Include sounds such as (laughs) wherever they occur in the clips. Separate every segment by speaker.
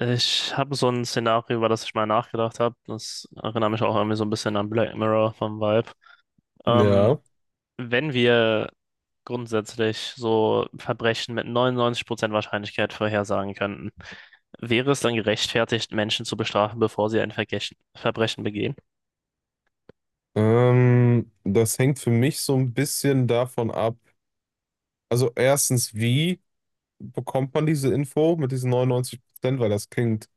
Speaker 1: Ich habe so ein Szenario, über das ich mal nachgedacht habe. Das erinnert mich auch irgendwie so ein bisschen an Black Mirror vom Vibe. Ähm,
Speaker 2: Ja,
Speaker 1: Wenn wir grundsätzlich so Verbrechen mit 99% Wahrscheinlichkeit vorhersagen könnten, wäre es dann gerechtfertigt, Menschen zu bestrafen, bevor sie ein Verbrechen begehen?
Speaker 2: das hängt für mich so ein bisschen davon ab. Also erstens, wie bekommt man diese Info mit diesen 99%? Weil das klingt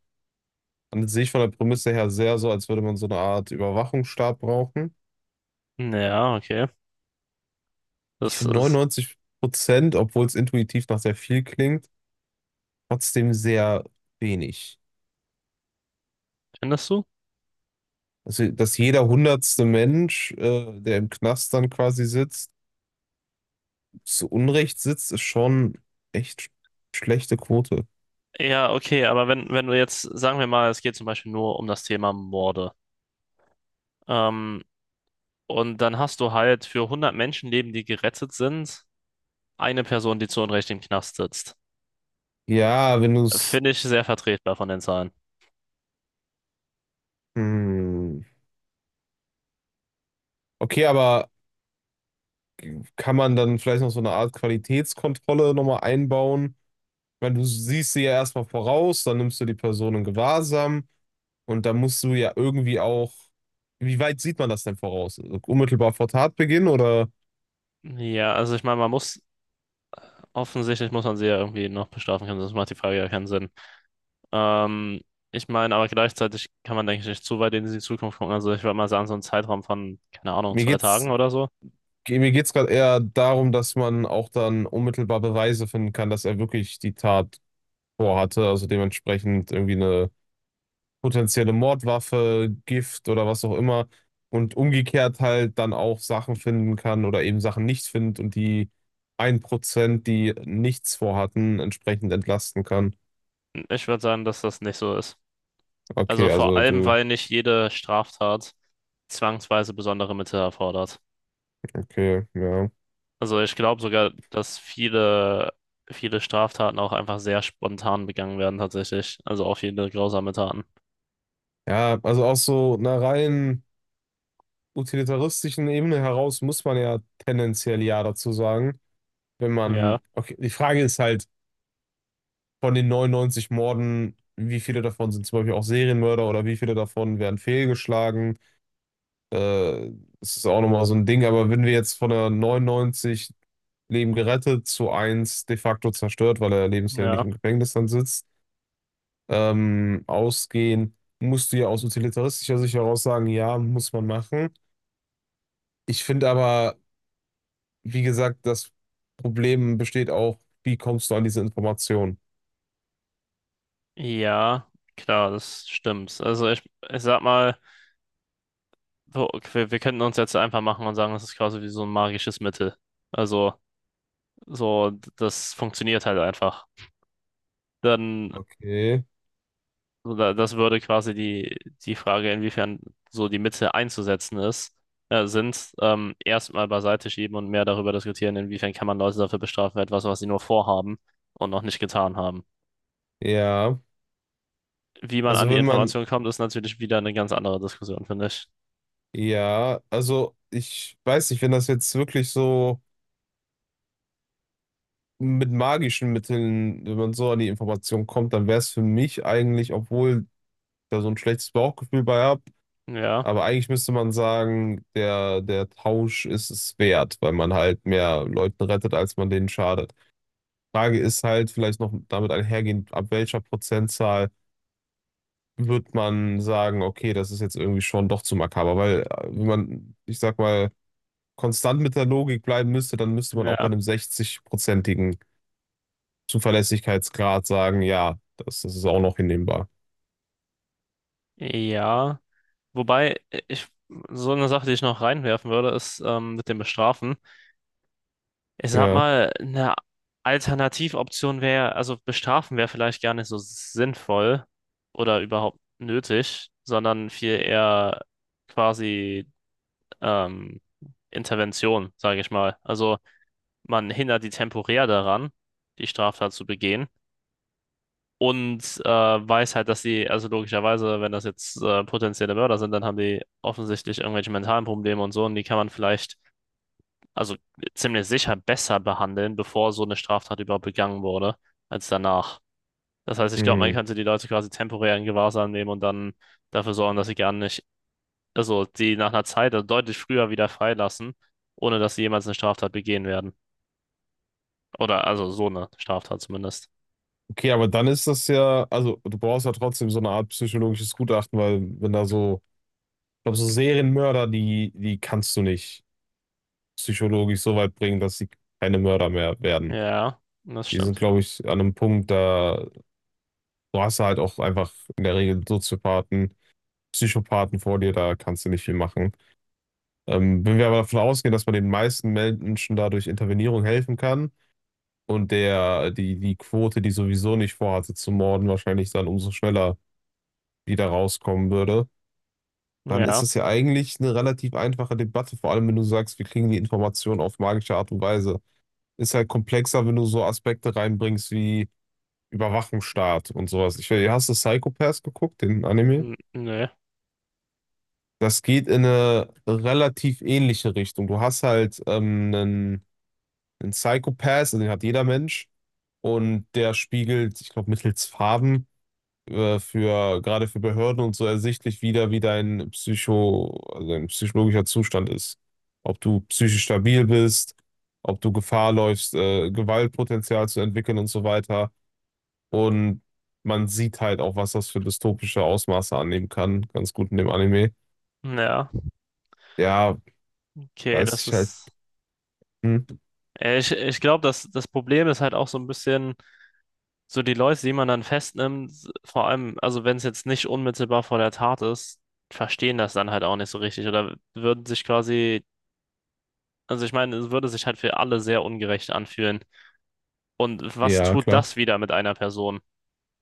Speaker 2: an sich von der Prämisse her sehr so, als würde man so eine Art Überwachungsstaat brauchen.
Speaker 1: Ja, okay.
Speaker 2: Ich
Speaker 1: Das
Speaker 2: finde
Speaker 1: ist,
Speaker 2: 99%, obwohl es intuitiv nach sehr viel klingt, trotzdem sehr wenig.
Speaker 1: findest du?
Speaker 2: Also, dass jeder 100. Mensch, der im Knast dann quasi sitzt, zu Unrecht sitzt, ist schon echt schlechte Quote.
Speaker 1: Ja, okay, aber wenn du jetzt, sagen wir mal, es geht zum Beispiel nur um das Thema Morde. Ähm, und dann hast du halt für 100 Menschenleben, die gerettet sind, eine Person, die zu Unrecht im Knast sitzt.
Speaker 2: Ja, wenn du es
Speaker 1: Finde ich sehr vertretbar von den Zahlen.
Speaker 2: Hm. Okay, aber kann man dann vielleicht noch so eine Art Qualitätskontrolle nochmal einbauen? Weil du siehst sie ja erstmal voraus, dann nimmst du die Person in Gewahrsam und dann musst du ja irgendwie auch. Wie weit sieht man das denn voraus? Also unmittelbar vor Tatbeginn oder
Speaker 1: Ja, also ich meine, man muss, offensichtlich muss man sie ja irgendwie noch bestrafen können, sonst macht die Frage ja keinen Sinn. Ähm, Ich meine, aber gleichzeitig kann man, denke ich, nicht zu weit in die Zukunft gucken. Also ich würde mal sagen, so einen Zeitraum von, keine Ahnung,
Speaker 2: mir
Speaker 1: 2 Tagen
Speaker 2: geht's,
Speaker 1: oder so.
Speaker 2: mir geht's gerade eher darum, dass man auch dann unmittelbar Beweise finden kann, dass er wirklich die Tat vorhatte, also dementsprechend irgendwie eine potenzielle Mordwaffe, Gift oder was auch immer und umgekehrt halt dann auch Sachen finden kann oder eben Sachen nicht findet und die 1% die nichts vorhatten, entsprechend entlasten kann.
Speaker 1: Ich würde sagen, dass das nicht so ist.
Speaker 2: Okay,
Speaker 1: Also vor
Speaker 2: also
Speaker 1: allem,
Speaker 2: du,
Speaker 1: weil nicht jede Straftat zwangsweise besondere Mittel erfordert.
Speaker 2: okay, ja.
Speaker 1: Also ich glaube sogar, dass viele, viele Straftaten auch einfach sehr spontan begangen werden tatsächlich. Also auch viele grausame Taten.
Speaker 2: Ja, also aus so einer rein utilitaristischen Ebene heraus muss man ja tendenziell ja dazu sagen, wenn
Speaker 1: Ja,
Speaker 2: man, okay, die Frage ist halt, von den 99 Morden, wie viele davon sind zum Beispiel auch Serienmörder oder wie viele davon werden fehlgeschlagen? Äh, das ist auch nochmal so ein Ding, aber wenn wir jetzt von der 99 Leben gerettet zu eins de facto zerstört, weil er lebenslänglich
Speaker 1: ja.
Speaker 2: im Gefängnis dann sitzt, ausgehen, musst du ja aus utilitaristischer Sicht heraus sagen, ja, muss man machen. Ich finde aber, wie gesagt, das Problem besteht auch, wie kommst du an diese Information?
Speaker 1: Ja, klar, das stimmt. Also ich sag mal, so, okay, wir könnten uns jetzt einfach machen und sagen, das ist quasi wie so ein magisches Mittel. Also so, das funktioniert halt einfach. Dann
Speaker 2: Okay,
Speaker 1: So, da, das würde quasi die Frage, inwiefern so die Mittel einzusetzen sind, erstmal beiseite schieben und mehr darüber diskutieren, inwiefern kann man Leute dafür bestrafen, für etwas, was sie nur vorhaben und noch nicht getan haben.
Speaker 2: ja.
Speaker 1: Wie man
Speaker 2: Also
Speaker 1: an die
Speaker 2: wenn man,
Speaker 1: Information kommt, ist natürlich wieder eine ganz andere Diskussion, finde ich.
Speaker 2: ja, also ich weiß nicht, wenn das jetzt wirklich so. Mit magischen Mitteln, wenn man so an die Information kommt, dann wäre es für mich eigentlich, obwohl ich da so ein schlechtes Bauchgefühl bei habe,
Speaker 1: Ja,
Speaker 2: aber eigentlich müsste man sagen, der Tausch ist es wert, weil man halt mehr Leuten rettet, als man denen schadet. Frage ist halt vielleicht noch damit einhergehend, ab welcher Prozentzahl wird man sagen, okay, das ist jetzt irgendwie schon doch zu makaber, weil wenn man, ich sag mal, konstant mit der Logik bleiben müsste, dann müsste man auch bei
Speaker 1: ja,
Speaker 2: einem 60-prozentigen Zuverlässigkeitsgrad sagen, ja, das ist auch noch hinnehmbar.
Speaker 1: ja. Wobei, so eine Sache, die ich noch reinwerfen würde, ist, mit dem Bestrafen. Ich sag
Speaker 2: Ja.
Speaker 1: mal, eine Alternativoption wäre, also bestrafen wäre vielleicht gar nicht so sinnvoll oder überhaupt nötig, sondern viel eher quasi ähm, Intervention, sage ich mal. Also man hindert die temporär daran, die Straftat zu begehen und weiß halt, dass sie, also logischerweise, wenn das jetzt potenzielle Mörder sind, dann haben die offensichtlich irgendwelche mentalen Probleme und so und die kann man vielleicht also ziemlich sicher besser behandeln, bevor so eine Straftat überhaupt begangen wurde, als danach. Das heißt, ich glaube, man
Speaker 2: Hm.
Speaker 1: könnte die Leute quasi temporär in Gewahrsam nehmen und dann dafür sorgen, dass sie gar nicht, also die nach einer Zeit also deutlich früher wieder freilassen, ohne dass sie jemals eine Straftat begehen werden. Oder also so eine Straftat zumindest.
Speaker 2: Okay, aber dann ist das ja, also du brauchst ja trotzdem so eine Art psychologisches Gutachten, weil wenn da so, ich glaube, so Serienmörder, die kannst du nicht psychologisch so weit bringen, dass sie keine Mörder mehr werden.
Speaker 1: Ja, das
Speaker 2: Die sind,
Speaker 1: stimmt.
Speaker 2: glaube ich, an einem Punkt, da du hast halt auch einfach in der Regel Soziopathen, Psychopathen vor dir, da kannst du nicht viel machen. Wenn wir aber davon ausgehen, dass man den meisten Menschen dadurch Intervenierung helfen kann, und der, die Quote, die sowieso nicht vorhatte zu morden, wahrscheinlich dann umso schneller wieder rauskommen würde, dann ist
Speaker 1: Ja,
Speaker 2: das ja eigentlich eine relativ einfache Debatte, vor allem wenn du sagst, wir kriegen die Informationen auf magische Art und Weise. Ist halt komplexer, wenn du so Aspekte reinbringst wie Überwachungsstaat und sowas. Ich weiß, hast du Psycho Pass geguckt, den Anime?
Speaker 1: Nö.
Speaker 2: Das geht in eine relativ ähnliche Richtung. Du hast halt einen, einen Psycho Pass, also den hat jeder Mensch. Und der spiegelt, ich glaube, mittels Farben für gerade für Behörden und so ersichtlich wieder, wie dein Psycho, also dein psychologischer Zustand ist. Ob du psychisch stabil bist, ob du Gefahr läufst, Gewaltpotenzial zu entwickeln und so weiter. Und man sieht halt auch, was das für dystopische Ausmaße annehmen kann, ganz gut in dem Anime.
Speaker 1: Ja,
Speaker 2: Ja,
Speaker 1: okay,
Speaker 2: weiß
Speaker 1: das
Speaker 2: ich halt.
Speaker 1: ist.
Speaker 2: Hm.
Speaker 1: Ich glaube, das Problem ist halt auch so ein bisschen. So die Leute, die man dann festnimmt, vor allem, also wenn es jetzt nicht unmittelbar vor der Tat ist, verstehen das dann halt auch nicht so richtig oder würden sich quasi, also ich meine, es würde sich halt für alle sehr ungerecht anfühlen. Und was
Speaker 2: Ja,
Speaker 1: tut
Speaker 2: klar.
Speaker 1: das wieder mit einer Person?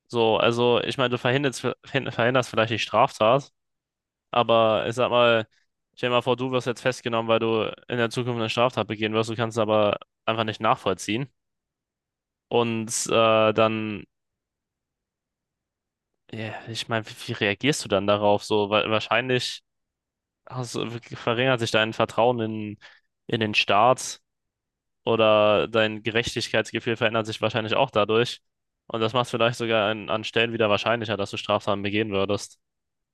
Speaker 1: So, also ich meine, du verhinderst vielleicht die Straftat, aber ich sag mal, stell dir mal vor, du wirst jetzt festgenommen, weil du in der Zukunft eine Straftat begehen wirst, du kannst es aber einfach nicht nachvollziehen. Und dann ja, ich meine, wie reagierst du dann darauf? So, weil wahrscheinlich hast, du- verringert sich dein Vertrauen in den Staat oder dein Gerechtigkeitsgefühl verändert sich wahrscheinlich auch dadurch. Und das macht es vielleicht sogar an Stellen wieder wahrscheinlicher, dass du Straftaten begehen würdest.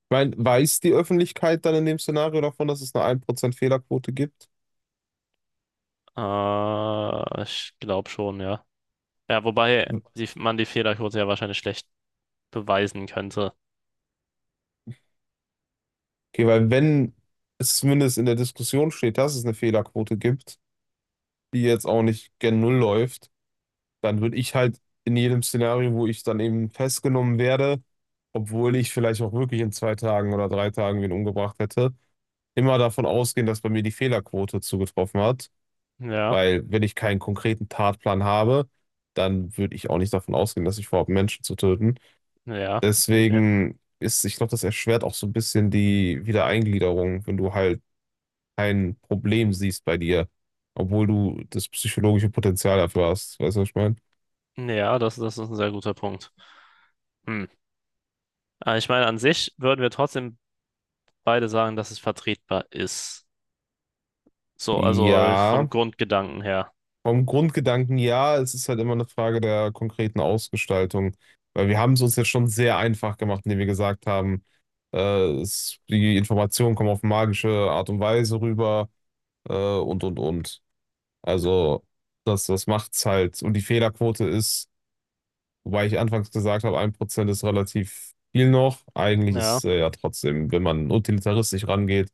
Speaker 2: Ich meine, weiß die Öffentlichkeit dann in dem Szenario davon, dass es eine 1% Fehlerquote gibt?
Speaker 1: Ich glaube schon, ja. Ja, wobei man die Fehlerquote ja wahrscheinlich schlecht beweisen könnte.
Speaker 2: Okay, weil wenn es zumindest in der Diskussion steht, dass es eine Fehlerquote gibt, die jetzt auch nicht gen Null läuft, dann würde ich halt in jedem Szenario, wo ich dann eben festgenommen werde, obwohl ich vielleicht auch wirklich in 2 Tagen oder 3 Tagen wen umgebracht hätte, immer davon ausgehen, dass bei mir die Fehlerquote zugetroffen hat.
Speaker 1: Ja,
Speaker 2: Weil wenn ich keinen konkreten Tatplan habe, dann würde ich auch nicht davon ausgehen, dass ich vorhabe, Menschen zu töten.
Speaker 1: ja, okay.
Speaker 2: Deswegen ist, ich glaube, das erschwert auch so ein bisschen die Wiedereingliederung, wenn du halt kein Problem siehst bei dir, obwohl du das psychologische Potenzial dafür hast. Weißt du, was ich meine?
Speaker 1: Ja, das ist ein sehr guter Punkt. Hm. Aber ich meine, an sich würden wir trotzdem beide sagen, dass es vertretbar ist. So, also vom
Speaker 2: Ja,
Speaker 1: Grundgedanken her.
Speaker 2: vom Grundgedanken ja, es ist halt immer eine Frage der konkreten Ausgestaltung, weil wir haben es uns jetzt schon sehr einfach gemacht, indem wir gesagt haben, äh, es, die Informationen kommen auf magische Art und Weise rüber, äh, und und. Also das macht's halt. Und die Fehlerquote ist. Wobei ich anfangs gesagt habe, 1% ist relativ viel noch. Eigentlich
Speaker 1: Ja,
Speaker 2: ist ja trotzdem, wenn man utilitaristisch rangeht,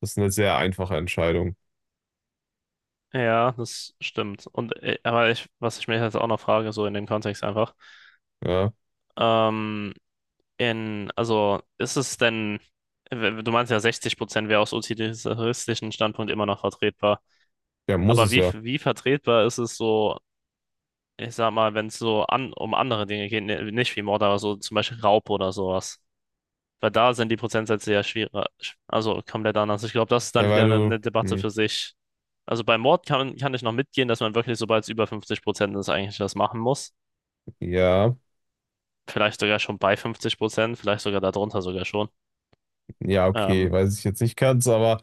Speaker 2: das eine sehr einfache Entscheidung.
Speaker 1: ja, das stimmt. Und was ich mich jetzt auch noch frage, so in dem Kontext einfach,
Speaker 2: Ja,
Speaker 1: ähm, also ist es denn, du meinst ja 60% wäre aus utilitaristischen Standpunkt immer noch vertretbar.
Speaker 2: ja, muss
Speaker 1: Aber
Speaker 2: es
Speaker 1: wie,
Speaker 2: ja.
Speaker 1: wie vertretbar ist es so, ich sag mal, wenn es so um andere Dinge geht, nicht wie Mord, aber so zum Beispiel Raub oder sowas? Weil da sind die Prozentsätze ja schwieriger, also komplett anders. Ich glaube, das ist dann
Speaker 2: Ja,
Speaker 1: wieder
Speaker 2: weil
Speaker 1: eine,
Speaker 2: du,
Speaker 1: eine Debatte
Speaker 2: hm,
Speaker 1: für sich. Also bei Mord kann ich noch mitgehen, dass man wirklich, sobald es über 50% ist, eigentlich das machen muss.
Speaker 2: ja,
Speaker 1: Vielleicht sogar schon bei 50%, vielleicht sogar darunter sogar schon.
Speaker 2: ja,
Speaker 1: Ähm,
Speaker 2: okay, weiß ich jetzt nicht ganz, aber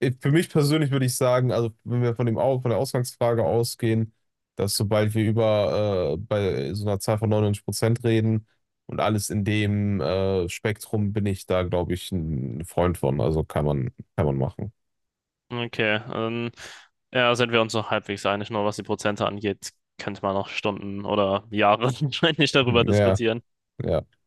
Speaker 2: für mich persönlich würde ich sagen, also wenn wir von dem von der Ausgangsfrage ausgehen, dass sobald wir über bei so einer Zahl von 99% reden und alles in dem Spektrum bin ich da, glaube ich, ein Freund von. Also kann man machen.
Speaker 1: okay, ja, sind wir uns noch halbwegs einig, nur was die Prozente angeht, könnte man noch Stunden oder Jahre (laughs) wahrscheinlich darüber
Speaker 2: Hm, ja,
Speaker 1: diskutieren.
Speaker 2: ja,